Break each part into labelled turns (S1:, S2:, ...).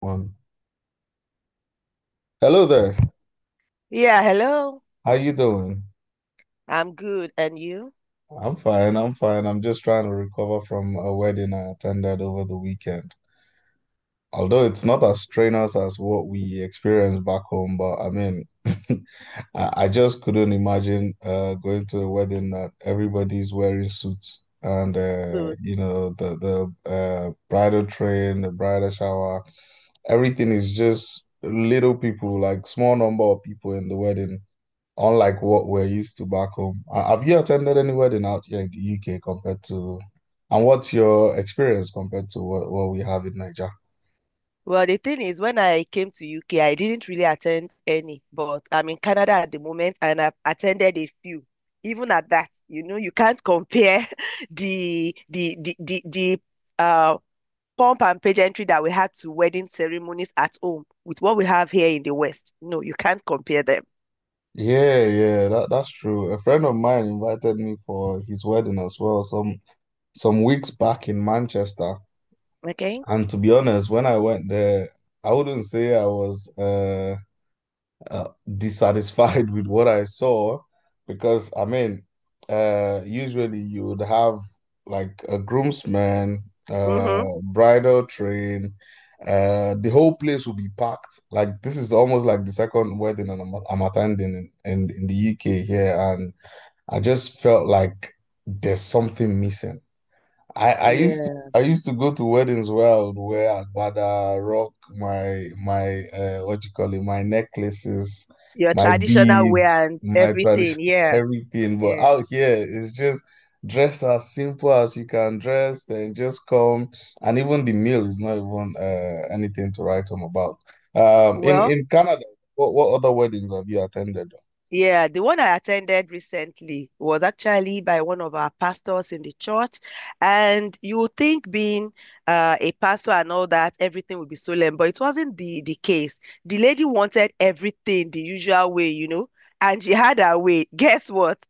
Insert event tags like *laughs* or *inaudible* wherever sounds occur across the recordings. S1: One. Hello there.
S2: Yeah, hello.
S1: How you doing?
S2: I'm good. And you?
S1: I'm fine. I'm fine. I'm just trying to recover from a wedding I attended over the weekend. Although it's not as strenuous as what we experienced back home, but I mean, *laughs* I just couldn't imagine going to a wedding that everybody's wearing suits and
S2: Good.
S1: you know the bridal train, the bridal shower, everything is just little people, like small number of people in the wedding, unlike what we're used to back home. Have you attended any wedding out here in the UK compared to, and what's your experience compared to what we have in Nigeria?
S2: Well, the thing is, when I came to UK, I didn't really attend any, but I'm in Canada at the moment and I've attended a few. Even at that, you know, you can't compare *laughs* the uh pomp and pageantry that we had to wedding ceremonies at home with what we have here in the West. No, you can't compare them.
S1: Yeah, yeah, that's true. A friend of mine invited me for his wedding as well, some weeks back in Manchester.
S2: Okay?
S1: And to be honest, when I went there, I wouldn't say I was uh, dissatisfied *laughs* with what I saw, because I mean, usually you would have like a groomsman,
S2: Mm-hmm.
S1: bridal train, the whole place will be packed. Like this is almost like the second wedding I'm attending in the UK here, and I just felt like there's something missing.
S2: Yeah.
S1: I used to go to weddings, well, where I would wear agbada, rock my what you call it, my necklaces,
S2: Your
S1: my
S2: traditional wear
S1: beads,
S2: and
S1: my
S2: everything.
S1: tradition, *laughs*
S2: Yeah.
S1: everything. But
S2: Yeah.
S1: out here, it's just dress as simple as you can dress, then just come. And even the meal is not even anything to write home about.
S2: Well,
S1: In Canada, what other weddings have you attended?
S2: yeah, the one I attended recently was actually by one of our pastors in the church. And you would think being a pastor and all that, everything would be solemn, but it wasn't the case. The lady wanted everything the usual way, you know, and she had her way. *laughs* Guess what?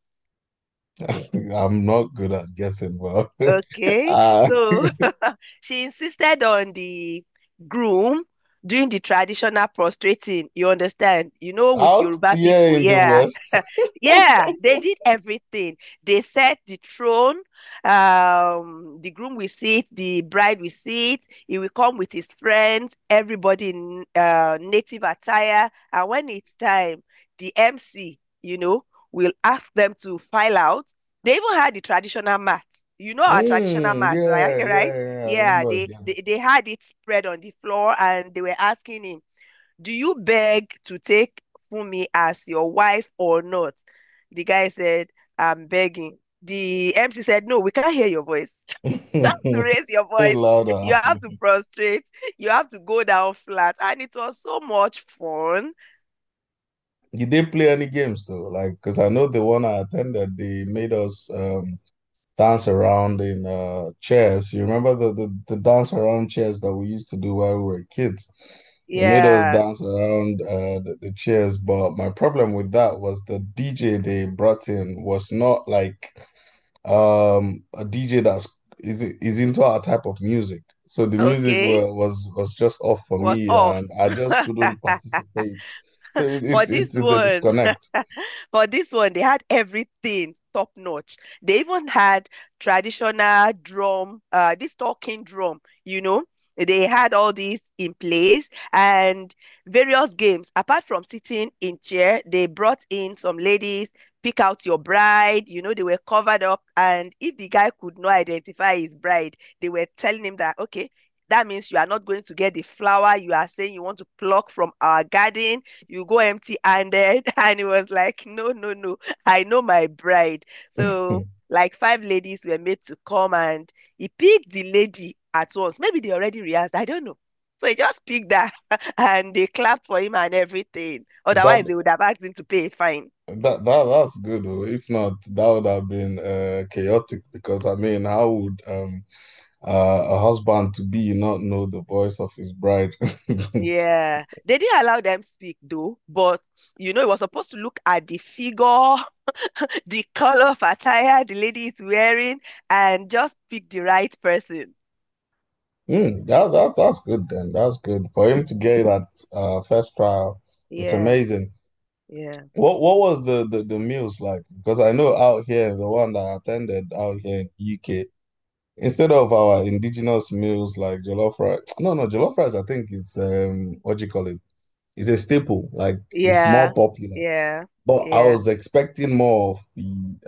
S1: *laughs* I'm not good at guessing, but *laughs*
S2: Okay.
S1: uh,
S2: So *laughs* she insisted on the groom doing the traditional prostrating, you understand? You know, with
S1: out
S2: Yoruba
S1: here
S2: people.
S1: in the
S2: Yeah.
S1: West.
S2: Yeah, they did everything. They set the throne. The groom will sit, the bride will sit. He will come with his friends, everybody in native attire. And when it's time, the MC, you know, will ask them to file out. They even had the traditional mat. You know our traditional
S1: Mm,
S2: mat, right?
S1: yeah,
S2: Right?
S1: yeah, yeah. I
S2: Yeah,
S1: remember it.
S2: they had it spread on the floor, and they were asking him, do you beg to take Funmi as your wife or not? The guy said, I'm begging. The MC said, no, we can't hear your voice. *laughs* You have to
S1: Yeah. *laughs*
S2: raise your
S1: Hey,
S2: voice.
S1: louder.
S2: You have to prostrate. You have to go down flat. And it was so much fun.
S1: Did they play any games though? Like, because I know the one I attended, they made us dance around in chairs. You remember the dance around chairs that we used to do while we were kids? They made us
S2: Yeah.
S1: dance around the chairs, but my problem with that was the DJ they brought in was not like a DJ that's is into our type of music. So the music
S2: Okay.
S1: was just off for
S2: Was
S1: me,
S2: off.
S1: and I just couldn't
S2: *laughs*
S1: participate. So
S2: For this
S1: it's a
S2: one,
S1: disconnect.
S2: *laughs* for this one, they had everything top notch. They even had traditional drum, this talking drum, you know. They had all these in place and various games. Apart from sitting in chair, they brought in some ladies, pick out your bride. You know, they were covered up. And if the guy could not identify his bride, they were telling him that, okay, that means you are not going to get the flower you are saying you want to pluck from our garden, you go empty-handed. *laughs* And it was like, no, no, no, I know my bride.
S1: *laughs*
S2: So like five ladies were made to come and he picked the lady at once. Maybe they already rehearsed, I don't know. So he just picked that *laughs* and they clapped for him and everything. Otherwise,
S1: That
S2: they would have asked him to pay a fine.
S1: that's good. Oh, if not, that would have been chaotic, because I mean, how would a husband to be not know the voice of his bride? *laughs*
S2: Yeah, they didn't allow them speak though, but you know, it was supposed to look at the figure, *laughs* the color of attire the lady is wearing, and just pick the right person.
S1: Hmm, that's good then. That's good for him to get it at first trial. It's
S2: Yeah,
S1: amazing.
S2: yeah.
S1: What was the meals like? Because I know out here, the one that I attended out here in UK, instead of our indigenous meals like jollof rice, *tsk* no, no, jollof rice, I think it's what do you call it? It's a staple. Like it's
S2: Yeah,
S1: more popular.
S2: yeah,
S1: But I
S2: yeah.
S1: was expecting more of the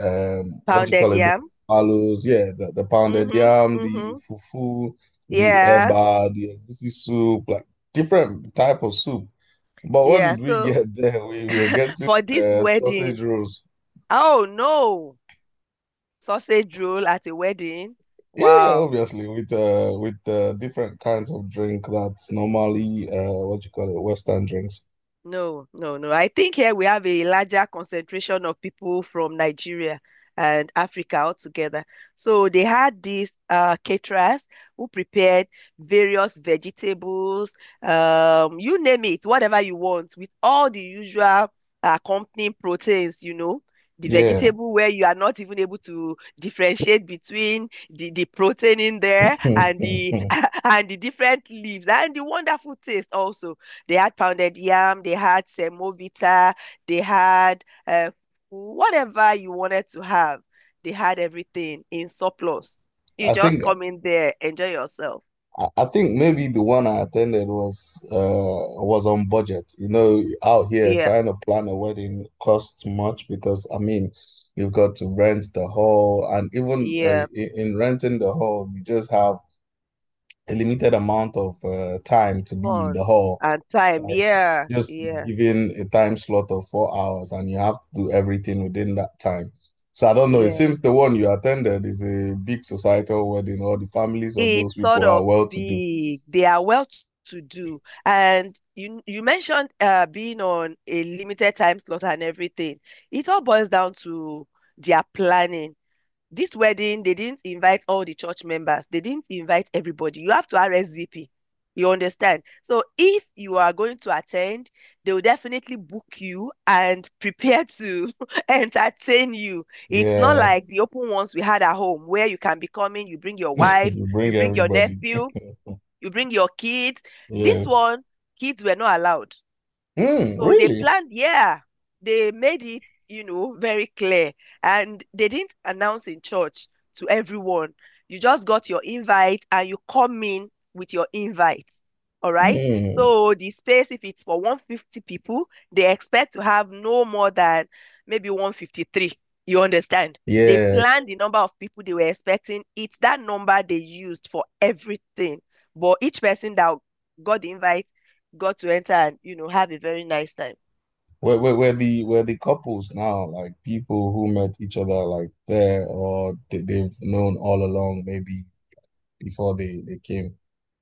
S1: what do you
S2: Pounded
S1: call it? The
S2: yam.
S1: palos, yeah, the pounded
S2: Mm-hmm,
S1: yam, the
S2: mm-hmm.
S1: fufu, the
S2: Yeah,
S1: eba, the egusi soup, like different type of soup. But what
S2: yeah.
S1: did we
S2: So
S1: get *laughs* there? We were getting
S2: for this
S1: sausage
S2: wedding,
S1: rolls.
S2: oh no, sausage roll at a wedding.
S1: Yeah,
S2: Wow.
S1: obviously with different kinds of drink that's normally what you call it, Western drinks.
S2: No, no, no. I think here we have a larger concentration of people from Nigeria and Africa altogether. So they had these caterers who prepared various vegetables, you name it, whatever you want, with all the usual accompanying proteins, you know, the
S1: Yeah,
S2: vegetable where you are not even able to differentiate between the protein in there
S1: *laughs* I
S2: and the *laughs* and the different leaves and the wonderful taste also. They had pounded yam, they had semovita, they had whatever you wanted to have. They had everything in surplus. You just
S1: think
S2: come in there, enjoy yourself.
S1: I think maybe the one I attended was on budget. You know, out here
S2: Yeah,
S1: trying to plan a wedding costs much, because I mean you've got to rent the hall, and even
S2: yeah,
S1: in renting the hall you just have a limited amount of time to be in the
S2: fun
S1: hall.
S2: and time.
S1: Like
S2: Yeah,
S1: just be
S2: yeah,
S1: given a time slot of 4 hours, and you have to do everything within that time. So I don't know. It
S2: yeah.
S1: seems the one you attended is a big societal wedding. All the families of
S2: It's
S1: those
S2: sort
S1: people are
S2: of
S1: well to do.
S2: big. They are well to do. And you mentioned being on a limited time slot and everything. It all boils down to their planning. This wedding, they didn't invite all the church members. They didn't invite everybody. You have to RSVP. You understand? So if you are going to attend, they will definitely book you and prepare to *laughs* entertain you. It's not
S1: Yeah.
S2: like the open ones we had at home where you can be coming, you bring your
S1: *laughs*
S2: wife,
S1: You
S2: you
S1: bring
S2: bring your
S1: everybody.
S2: nephew, you bring your kids. This
S1: Yes.
S2: one, kids were not allowed.
S1: Hmm,
S2: So they
S1: really?
S2: planned, yeah, they made it, you know, very clear. And they didn't announce in church to everyone. You just got your invite and you come in with your invite. All right.
S1: Hmm,
S2: So the space, if it's for 150 people, they expect to have no more than maybe 153. You understand? They
S1: yeah.
S2: planned the number of people they were expecting. It's that number they used for everything. But each person that got the invite got to enter and, you know, have a very nice time.
S1: Where the couples now, like people who met each other like there, or they've known all along, maybe before they came.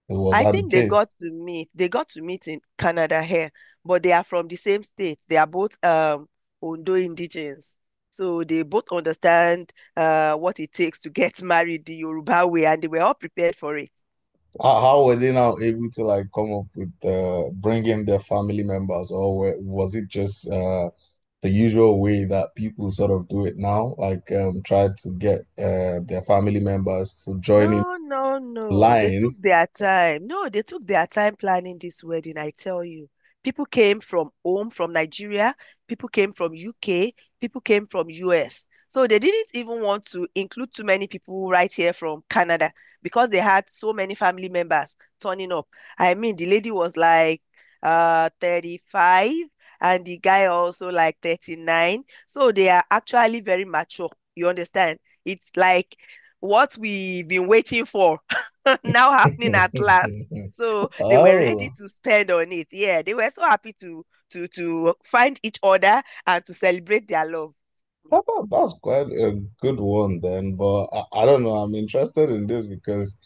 S1: Was
S2: I
S1: that the
S2: think they
S1: case?
S2: got to meet. They got to meet in Canada here, but they are from the same state. They are both Ondo indigenes. So they both understand what it takes to get *laughs* married the Yoruba way and they were all prepared for it.
S1: How were they now able to like come up with bringing their family members, or was it just the usual way that people sort of do it now? Like try to get their family members to join in
S2: No, no, no. They
S1: line.
S2: took their time. No, they took their time planning this wedding, I tell you. People came from home, from Nigeria, people came from UK, people came from US. So they didn't even want to include too many people right here from Canada because they had so many family members turning up. I mean, the lady was like 35 and the guy also like 39. So they are actually very mature. You understand? It's like what we've been waiting for *laughs* now happening at last.
S1: *laughs*
S2: So they were ready
S1: Oh.
S2: to spend on it. Yeah, they were so happy to to find each other and to celebrate their love.
S1: That's quite a good one then, but I don't know. I'm interested in this because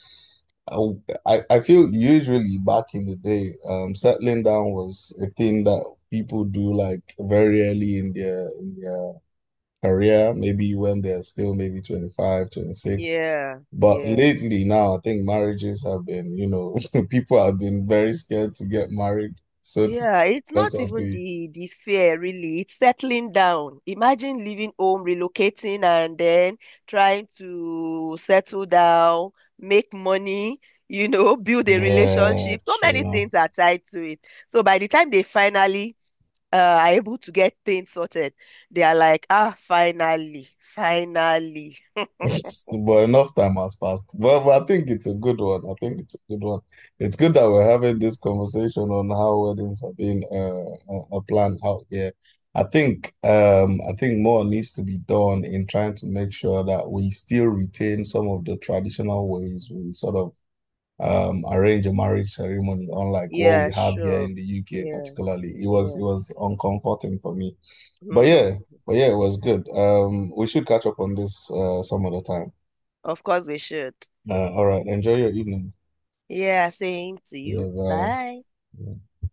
S1: I, I feel usually back in the day, settling down was a thing that people do like very early in their career, maybe when they're still maybe 25, 26.
S2: Yeah,
S1: But
S2: yeah,
S1: lately now, I think marriages have been, you know, *laughs* people have been very scared to get married, so to speak,
S2: yeah. It's
S1: because
S2: not
S1: of
S2: even
S1: the
S2: the fear really. It's settling down. Imagine leaving home, relocating, and then trying to settle down, make money, you know, build a
S1: yeah,
S2: relationship. So many
S1: true.
S2: things are tied to it. So by the time they finally are able to get things sorted, they are like, ah, finally, finally.
S1: *laughs* But enough time has passed. Well, but I think it's a good one. I think it's a good one. It's good that we're having this conversation on how weddings are being planned out here. I think I think more needs to be done in trying to make sure that we still retain some of the traditional ways we sort of arrange a marriage ceremony, unlike what we
S2: Yeah,
S1: have here
S2: sure.
S1: in the UK
S2: Yeah,
S1: particularly. It
S2: yeah.
S1: was uncomforting for me. But yeah,
S2: *laughs*
S1: but yeah, it was good. We should catch up on this some other time.
S2: Of course we should.
S1: All right. Enjoy your evening.
S2: Yeah, same to you.
S1: Yeah, bye.
S2: Bye.
S1: Yeah.